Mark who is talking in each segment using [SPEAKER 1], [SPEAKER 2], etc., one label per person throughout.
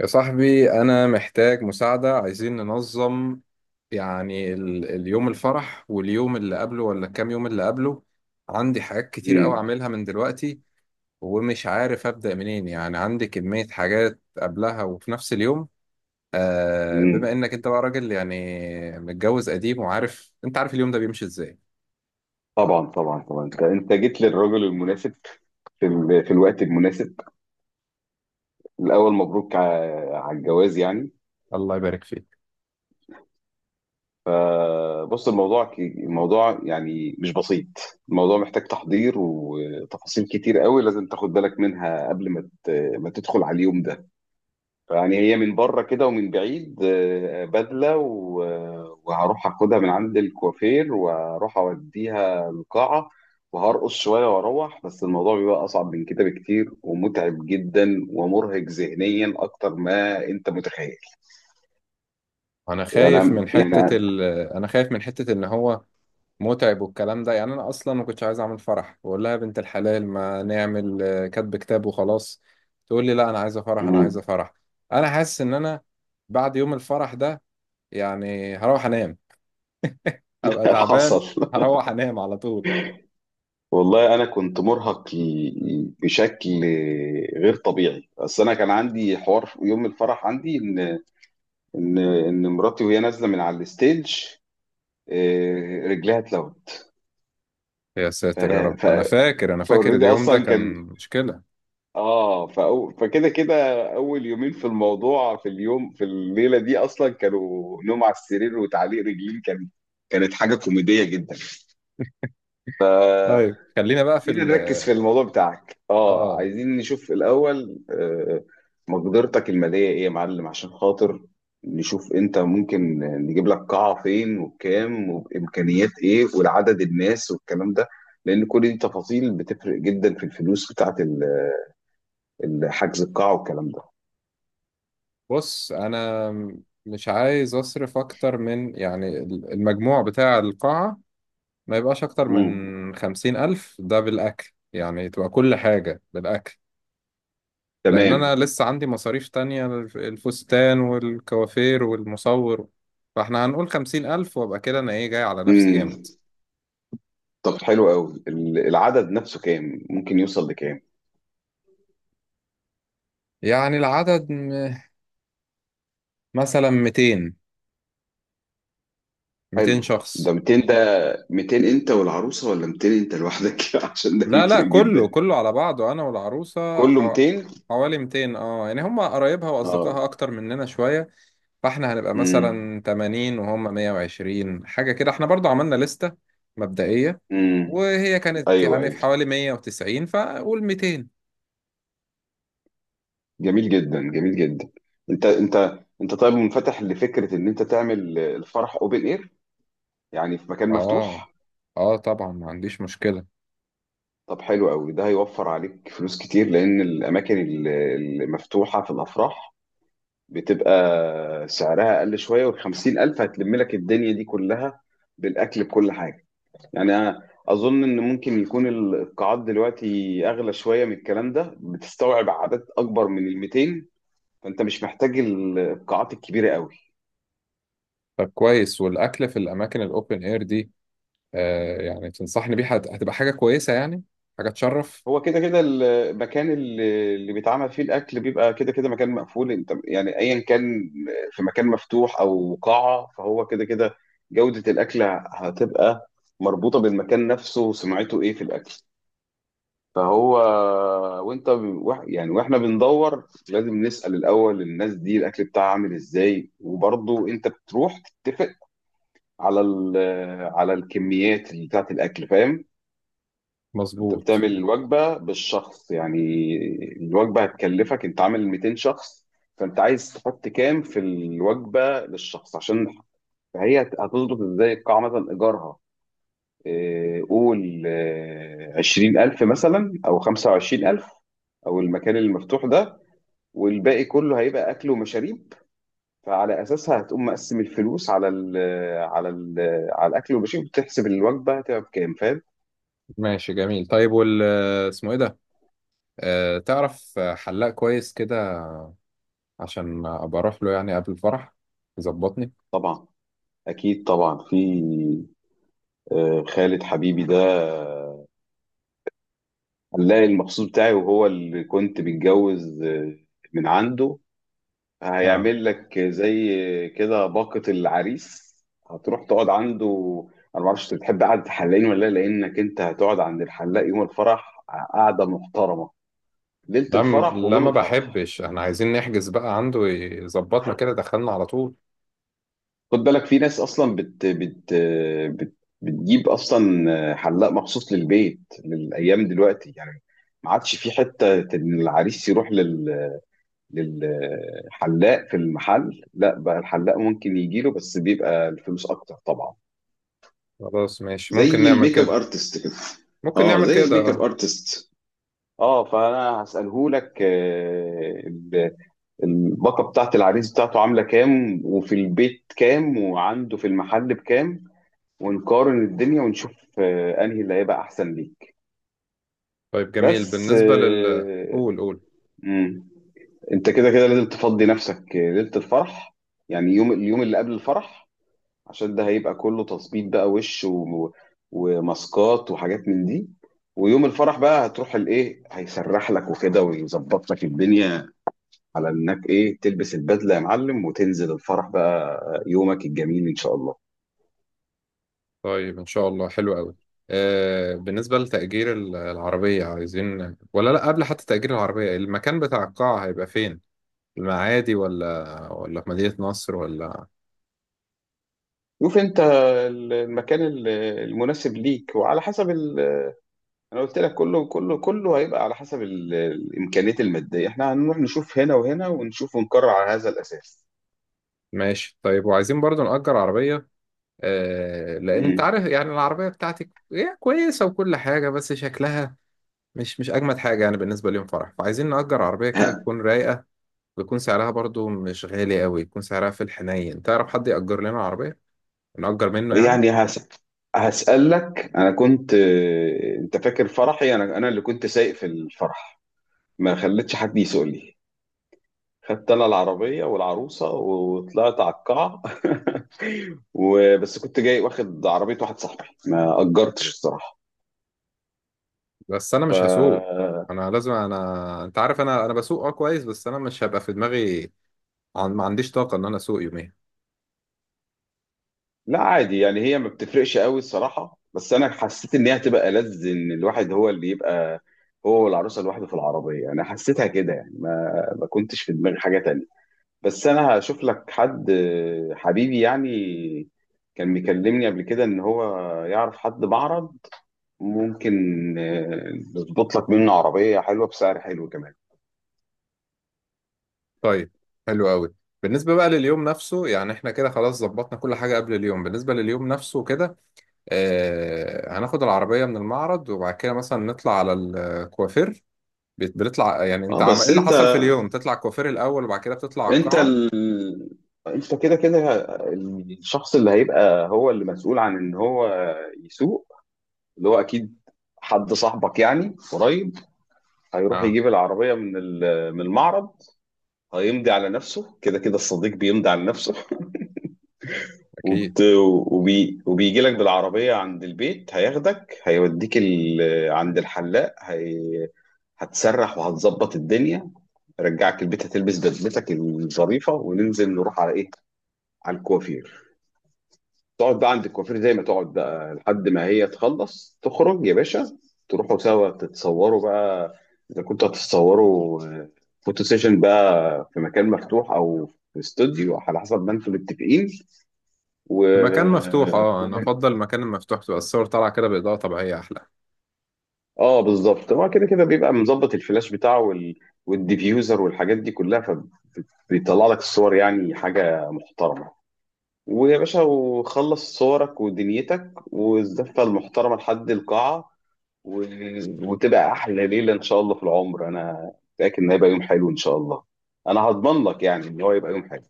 [SPEAKER 1] يا صاحبي أنا محتاج مساعدة. عايزين ننظم، يعني اليوم الفرح واليوم اللي قبله ولا كام يوم اللي قبله. عندي حاجات كتير أوي
[SPEAKER 2] امم،
[SPEAKER 1] أعملها من دلوقتي، ومش عارف أبدأ منين. يعني عندي كمية حاجات قبلها وفي نفس اليوم. آه،
[SPEAKER 2] امم،
[SPEAKER 1] بما إنك أنت بقى راجل، يعني متجوز قديم وعارف، أنت عارف اليوم ده بيمشي إزاي.
[SPEAKER 2] طبعا طبعا طبعا، انت جيت للراجل المناسب في الوقت المناسب. الاول مبروك على الجواز يعني.
[SPEAKER 1] الله يبارك فيك.
[SPEAKER 2] فبص الموضوع الموضوع يعني مش بسيط. الموضوع محتاج تحضير وتفاصيل كتير قوي لازم تاخد بالك منها قبل ما تدخل على اليوم ده. فيعني هي من بره كده ومن بعيد، بدلة، وهروح اخدها من عند الكوافير واروح اوديها القاعة وهرقص شوية واروح، بس الموضوع بيبقى اصعب من كده بكتير ومتعب جدا ومرهق ذهنيا اكتر ما انت متخيل.
[SPEAKER 1] أنا خايف
[SPEAKER 2] انا
[SPEAKER 1] من حتة
[SPEAKER 2] يعني
[SPEAKER 1] أنا خايف من حتة إن هو متعب والكلام ده. يعني انا اصلا ما كنتش عايز اعمل فرح، بقول لها يا بنت الحلال ما نعمل كاتب كتاب وخلاص. تقول لي لا، انا عايزه فرح، انا عايزه
[SPEAKER 2] مم.
[SPEAKER 1] فرح. انا حاسس ان انا بعد يوم الفرح ده يعني هروح انام، ابقى تعبان،
[SPEAKER 2] حصل.
[SPEAKER 1] هروح انام على طول.
[SPEAKER 2] والله انا كنت مرهق بشكل غير طبيعي، بس انا كان عندي حوار في يوم الفرح. عندي ان ان مراتي وهي نازله من على الستيج، رجليها اتلوت.
[SPEAKER 1] يا ساتر يا
[SPEAKER 2] فه-
[SPEAKER 1] رب، انا
[SPEAKER 2] ف-
[SPEAKER 1] فاكر، انا فاكر
[SPEAKER 2] فاوريدي
[SPEAKER 1] اليوم ده
[SPEAKER 2] اصلا
[SPEAKER 1] كان
[SPEAKER 2] كان.
[SPEAKER 1] مشكلة.
[SPEAKER 2] فكده كده اول يومين في الموضوع، في اليوم، في الليله دي اصلا، كانوا نوم على السرير وتعليق رجلين كانت حاجه كوميديه جدا.
[SPEAKER 1] طيب خلينا بقى في
[SPEAKER 2] خلينا
[SPEAKER 1] ال
[SPEAKER 2] نركز في الموضوع بتاعك. اه
[SPEAKER 1] اه
[SPEAKER 2] عايزين نشوف الاول، مقدرتك الماليه ايه يا معلم، عشان خاطر نشوف انت ممكن نجيب لك قاعه فين وبكام وبامكانيات ايه والعدد الناس والكلام ده. لان كل دي تفاصيل بتفرق جدا في الفلوس بتاعت حجز القاعه والكلام ده.
[SPEAKER 1] بص، انا مش عايز اصرف اكتر من، يعني المجموع بتاع القاعة ما يبقاش أكتر
[SPEAKER 2] مم.
[SPEAKER 1] من خمسين ألف، ده بالأكل يعني، تبقى كل حاجة بالأكل. لأن
[SPEAKER 2] تمام.
[SPEAKER 1] أنا لسه عندي مصاريف تانية، الفستان والكوافير والمصور. فإحنا هنقول خمسين ألف، وأبقى كده أنا إيه جاي على نفسي
[SPEAKER 2] مم.
[SPEAKER 1] جامد.
[SPEAKER 2] طب حلو قوي، العدد نفسه كام؟ ممكن يوصل لكام؟
[SPEAKER 1] يعني العدد مثلا ميتين، ميتين
[SPEAKER 2] حلو، ده
[SPEAKER 1] شخص.
[SPEAKER 2] 200. 200 انت والعروسه، ولا 200 انت لوحدك؟ عشان ده
[SPEAKER 1] لا لا،
[SPEAKER 2] يفرق
[SPEAKER 1] كله
[SPEAKER 2] جدا.
[SPEAKER 1] كله على بعضه، أنا والعروسة
[SPEAKER 2] كله 200.
[SPEAKER 1] حوالي ميتين. اه يعني هما قرايبها
[SPEAKER 2] اه،
[SPEAKER 1] وأصدقائها أكتر مننا شوية، فاحنا هنبقى
[SPEAKER 2] امم،
[SPEAKER 1] مثلا 80 وهم 120، حاجة كده. احنا برضو عملنا لستة مبدئية،
[SPEAKER 2] امم،
[SPEAKER 1] وهي كانت
[SPEAKER 2] ايوه
[SPEAKER 1] يعني في
[SPEAKER 2] ايوه،
[SPEAKER 1] حوالي 190، فقول 200.
[SPEAKER 2] جميل جدا، جميل جدا. انت طيب، منفتح لفكره ان انت تعمل الفرح اوبن اير؟ يعني في مكان
[SPEAKER 1] اه
[SPEAKER 2] مفتوح.
[SPEAKER 1] اه، طبعا ما عنديش مشكلة.
[SPEAKER 2] طب حلو قوي، ده هيوفر عليك فلوس كتير لان الاماكن المفتوحه في الافراح بتبقى سعرها اقل شويه، وال 50,000 هتلم لك الدنيا دي كلها بالاكل بكل حاجه. يعني أنا أظن إن ممكن يكون القاعات دلوقتي أغلى شوية من الكلام ده، بتستوعب عدد أكبر من ال 200، فأنت مش محتاج القاعات الكبيرة قوي.
[SPEAKER 1] طب كويس. والأكل في الأماكن الأوبن إير دي، آه يعني تنصحني بيها؟ هتبقى حاجة كويسة يعني، حاجة تشرف.
[SPEAKER 2] هو كده كده المكان اللي بيتعمل فيه الأكل بيبقى كده كده مكان مقفول، أنت يعني أيا كان في مكان مفتوح أو قاعة، فهو كده كده جودة الأكل هتبقى مربوطة بالمكان نفسه وسمعته إيه في الأكل. فهو وانت ب- وإح- يعني واحنا بندور، لازم نسأل الاول الناس دي الاكل بتاعها عامل ازاي، وبرضه انت بتروح تتفق على ال- على الكميات اللي بتاعت الاكل، فاهم؟ انت
[SPEAKER 1] مظبوط.
[SPEAKER 2] بتعمل الوجبة بالشخص يعني، الوجبة هتكلفك انت عامل 200 شخص، فانت عايز تحط كام في الوجبة للشخص، عشان هتظبط ازاي. القاعة مثلا ايجارها، قول 20,000 مثلا أو 25,000، أو المكان المفتوح ده، والباقي كله هيبقى أكل ومشاريب. فعلى أساسها هتقوم مقسم الفلوس على ال على الأكل والمشاريب، وتحسب الوجبة هتبقى بكام، فاهم؟
[SPEAKER 1] ماشي جميل. طيب وال اسمه إيه ده، آه، تعرف حلاق كويس كده عشان أبقى أروح له يعني قبل الفرح يظبطني.
[SPEAKER 2] طبعا أكيد طبعا. في خالد حبيبي ده هنلاقي المخصوص بتاعي، وهو اللي كنت متجوز من عنده، هيعمل لك زي كده باقة العريس، هتروح تقعد عنده. انا ما اعرفش انت بتحب قعدة الحلاقين ولا لا، لانك انت هتقعد عند الحلاق يوم الفرح قعدة محترمة، ليلة
[SPEAKER 1] لا
[SPEAKER 2] الفرح
[SPEAKER 1] لا،
[SPEAKER 2] ويوم
[SPEAKER 1] ما
[SPEAKER 2] الفرح.
[SPEAKER 1] بحبش. احنا عايزين نحجز بقى عنده يظبطنا، كده دخلنا على طول.
[SPEAKER 2] خد بالك، في ناس اصلا بت بت بت بتجيب اصلا حلاق مخصوص للبيت للايام دلوقتي يعني. ما عادش في حتة ان العريس يروح للحلاق في المحل، لا بقى الحلاق ممكن يجيله، بس بيبقى الفلوس اكتر طبعا.
[SPEAKER 1] خلاص ماشي، ممكن
[SPEAKER 2] زي
[SPEAKER 1] نعمل
[SPEAKER 2] الميك اب
[SPEAKER 1] كده.
[SPEAKER 2] ارتست كده.
[SPEAKER 1] ممكن
[SPEAKER 2] اه
[SPEAKER 1] نعمل
[SPEAKER 2] زي
[SPEAKER 1] كده،
[SPEAKER 2] الميك اب
[SPEAKER 1] اه.
[SPEAKER 2] ارتست. اه فانا هساله لك الباقه بتاعت العريس بتاعته عامله كام، وفي البيت كام، وعنده في المحل بكام، ونقارن الدنيا ونشوف انهي اللي هيبقى احسن ليك.
[SPEAKER 1] طيب جميل.
[SPEAKER 2] بس
[SPEAKER 1] بالنسبة لل
[SPEAKER 2] آه،
[SPEAKER 1] قول.
[SPEAKER 2] مم، انت كده كده لازم تفضي نفسك ليله الفرح، يعني اليوم اللي قبل الفرح، عشان ده هيبقى كله تظبيط بقى، وش وماسكات وحاجات من دي. ويوم الفرح بقى هتروح الايه، هيسرح لك وكده، ويظبط لك الدنيا على انك ايه تلبس البدله يا معلم وتنزل الفرح بقى، يومك الجميل ان شاء الله.
[SPEAKER 1] طيب ان شاء الله. حلو قوي. آه بالنسبة لتأجير العربية، عايزين ولا لا؟ قبل حتى تأجير العربية، المكان بتاع القاعة هيبقى فين؟ المعادي ولا في مدينة نصر ولا؟
[SPEAKER 2] شوف انت المكان المناسب ليك وعلى حسب انا قلت لك كله هيبقى على حسب الامكانيات الماديه. احنا هنروح نشوف هنا وهنا ونشوف ونقرر على هذا الاساس.
[SPEAKER 1] ماشي طيب. وعايزين برضو نأجر عربية، آه، لأن انت
[SPEAKER 2] مم.
[SPEAKER 1] عارف يعني العربية بتاعتك هي كويسة وكل حاجة، بس شكلها مش اجمد حاجه يعني بالنسبه ليوم فرح، فعايزين نأجر عربيه كده تكون رايقه، ويكون سعرها برضو مش غالي قوي، يكون سعرها في الحنين. تعرف حد يأجر لنا عربيه نأجر منه يعني؟
[SPEAKER 2] يعني هسألك. أنا كنت آه، أنت فاكر فرحي؟ أنا اللي كنت سايق في الفرح، ما خليتش حد يسوق لي، خدت أنا العربية والعروسة وطلعت على القاعة. وبس كنت جاي واخد عربية واحد صاحبي، ما أجرتش الصراحة.
[SPEAKER 1] بس انا
[SPEAKER 2] ف
[SPEAKER 1] مش هسوق. انا لازم، انا انت عارف، انا بسوق اه كويس، بس انا مش هبقى في دماغي. ما عنديش طاقه ان انا اسوق يومين.
[SPEAKER 2] لا عادي يعني، هي ما بتفرقش قوي الصراحة، بس أنا حسيت إن هي هتبقى ألذ إن الواحد هو اللي يبقى هو والعروسة لوحده في العربية. أنا حسيتها كده يعني، ما كنتش في دماغي حاجة تانية. بس انا هشوف لك حد حبيبي يعني، كان مكلمني قبل كده ان هو يعرف حد معرض، ممكن نظبط لك منه عربية حلوة بسعر حلو كمان.
[SPEAKER 1] طيب حلو قوي. بالنسبه بقى لليوم نفسه، يعني احنا كده خلاص ظبطنا كل حاجه قبل اليوم. بالنسبه لليوم نفسه كده، هناخد العربيه من المعرض، وبعد كده مثلا نطلع على الكوافير. بتطلع يعني، انت
[SPEAKER 2] اه
[SPEAKER 1] ايه
[SPEAKER 2] بس
[SPEAKER 1] اللي حصل في اليوم؟ تطلع الكوافير الاول وبعد كده بتطلع على
[SPEAKER 2] انت
[SPEAKER 1] القاعه؟
[SPEAKER 2] ال... انت كده كده الشخص اللي هيبقى هو اللي مسؤول عن ان هو يسوق، اللي هو اكيد حد صاحبك يعني قريب، هيروح
[SPEAKER 1] اه
[SPEAKER 2] يجيب العربية من المعرض. هيمضي على نفسه، كده كده الصديق بيمضي على نفسه،
[SPEAKER 1] اكيد.
[SPEAKER 2] وبت... وبيجي لك بالعربية عند البيت، هياخدك، هيوديك عند الحلاق، هتسرح وهتظبط الدنيا، رجعك البيت هتلبس بدلتك الظريفة وننزل نروح على ايه، على الكوافير. تقعد بقى عند الكوافير زي ما تقعد بقى لحد ما هي تخلص تخرج يا باشا، تروحوا سوا تتصوروا بقى اذا كنتوا هتتصوروا فوتو سيشن بقى في مكان مفتوح او في استوديو على حسب ما انتم متفقين. و...
[SPEAKER 1] في مكان مفتوح، اه انا افضل المكان المفتوح، تبقى الصور طالعه كده باضاءه طبيعيه احلى.
[SPEAKER 2] اه بالظبط، هو كده كده بيبقى مظبط الفلاش بتاعه والديفيوزر والحاجات دي كلها، فبيطلع لك الصور يعني حاجه محترمه. ويا باشا، وخلص صورك ودنيتك، والزفه المحترمه لحد القاعه، و... وتبقى احلى ليله ان شاء الله في العمر. انا متاكد ان هيبقى يوم حلو ان شاء الله، انا هضمن لك يعني ان هو يبقى يوم حلو.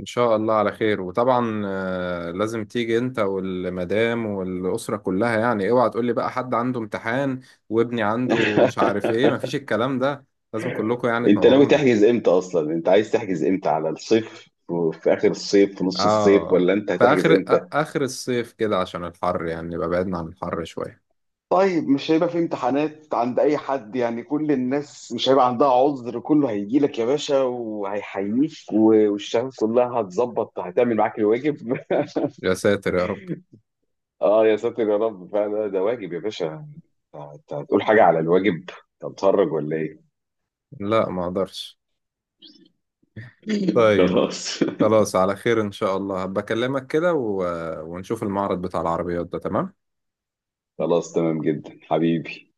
[SPEAKER 1] ان شاء الله على خير. وطبعا لازم تيجي انت والمدام والاسره كلها. يعني اوعى تقول لي بقى حد عنده امتحان وابني عنده مش عارف ايه، مفيش الكلام ده. لازم كلكم يعني
[SPEAKER 2] انت ناوي
[SPEAKER 1] تنوروني.
[SPEAKER 2] تحجز امتى اصلا، انت عايز تحجز امتى، على الصيف؟ في اخر الصيف؟ في نص الصيف؟
[SPEAKER 1] اه،
[SPEAKER 2] ولا انت
[SPEAKER 1] في
[SPEAKER 2] هتحجز
[SPEAKER 1] اخر
[SPEAKER 2] امتى؟
[SPEAKER 1] اخر الصيف كده، عشان الحر يعني نبقى بعدنا عن الحر شويه.
[SPEAKER 2] طيب، مش هيبقى في امتحانات عند اي حد يعني، كل الناس مش هيبقى عندها عذر، كله هيجي لك يا باشا وهيحييك، والشمس كلها هتظبط هتعمل معاك الواجب.
[SPEAKER 1] يا ساتر يا رب.
[SPEAKER 2] اه يا ساتر يا رب، فعلا ده واجب يا باشا. انت هتقول حاجة على الواجب، انت متخرج ولا ايه؟
[SPEAKER 1] لا ما اقدرش. طيب
[SPEAKER 2] خلاص.
[SPEAKER 1] خلاص، على خير إن شاء الله. بكلمك كده و... ونشوف المعرض بتاع العربيات ده. تمام.
[SPEAKER 2] خلاص، تمام جدا حبيبي.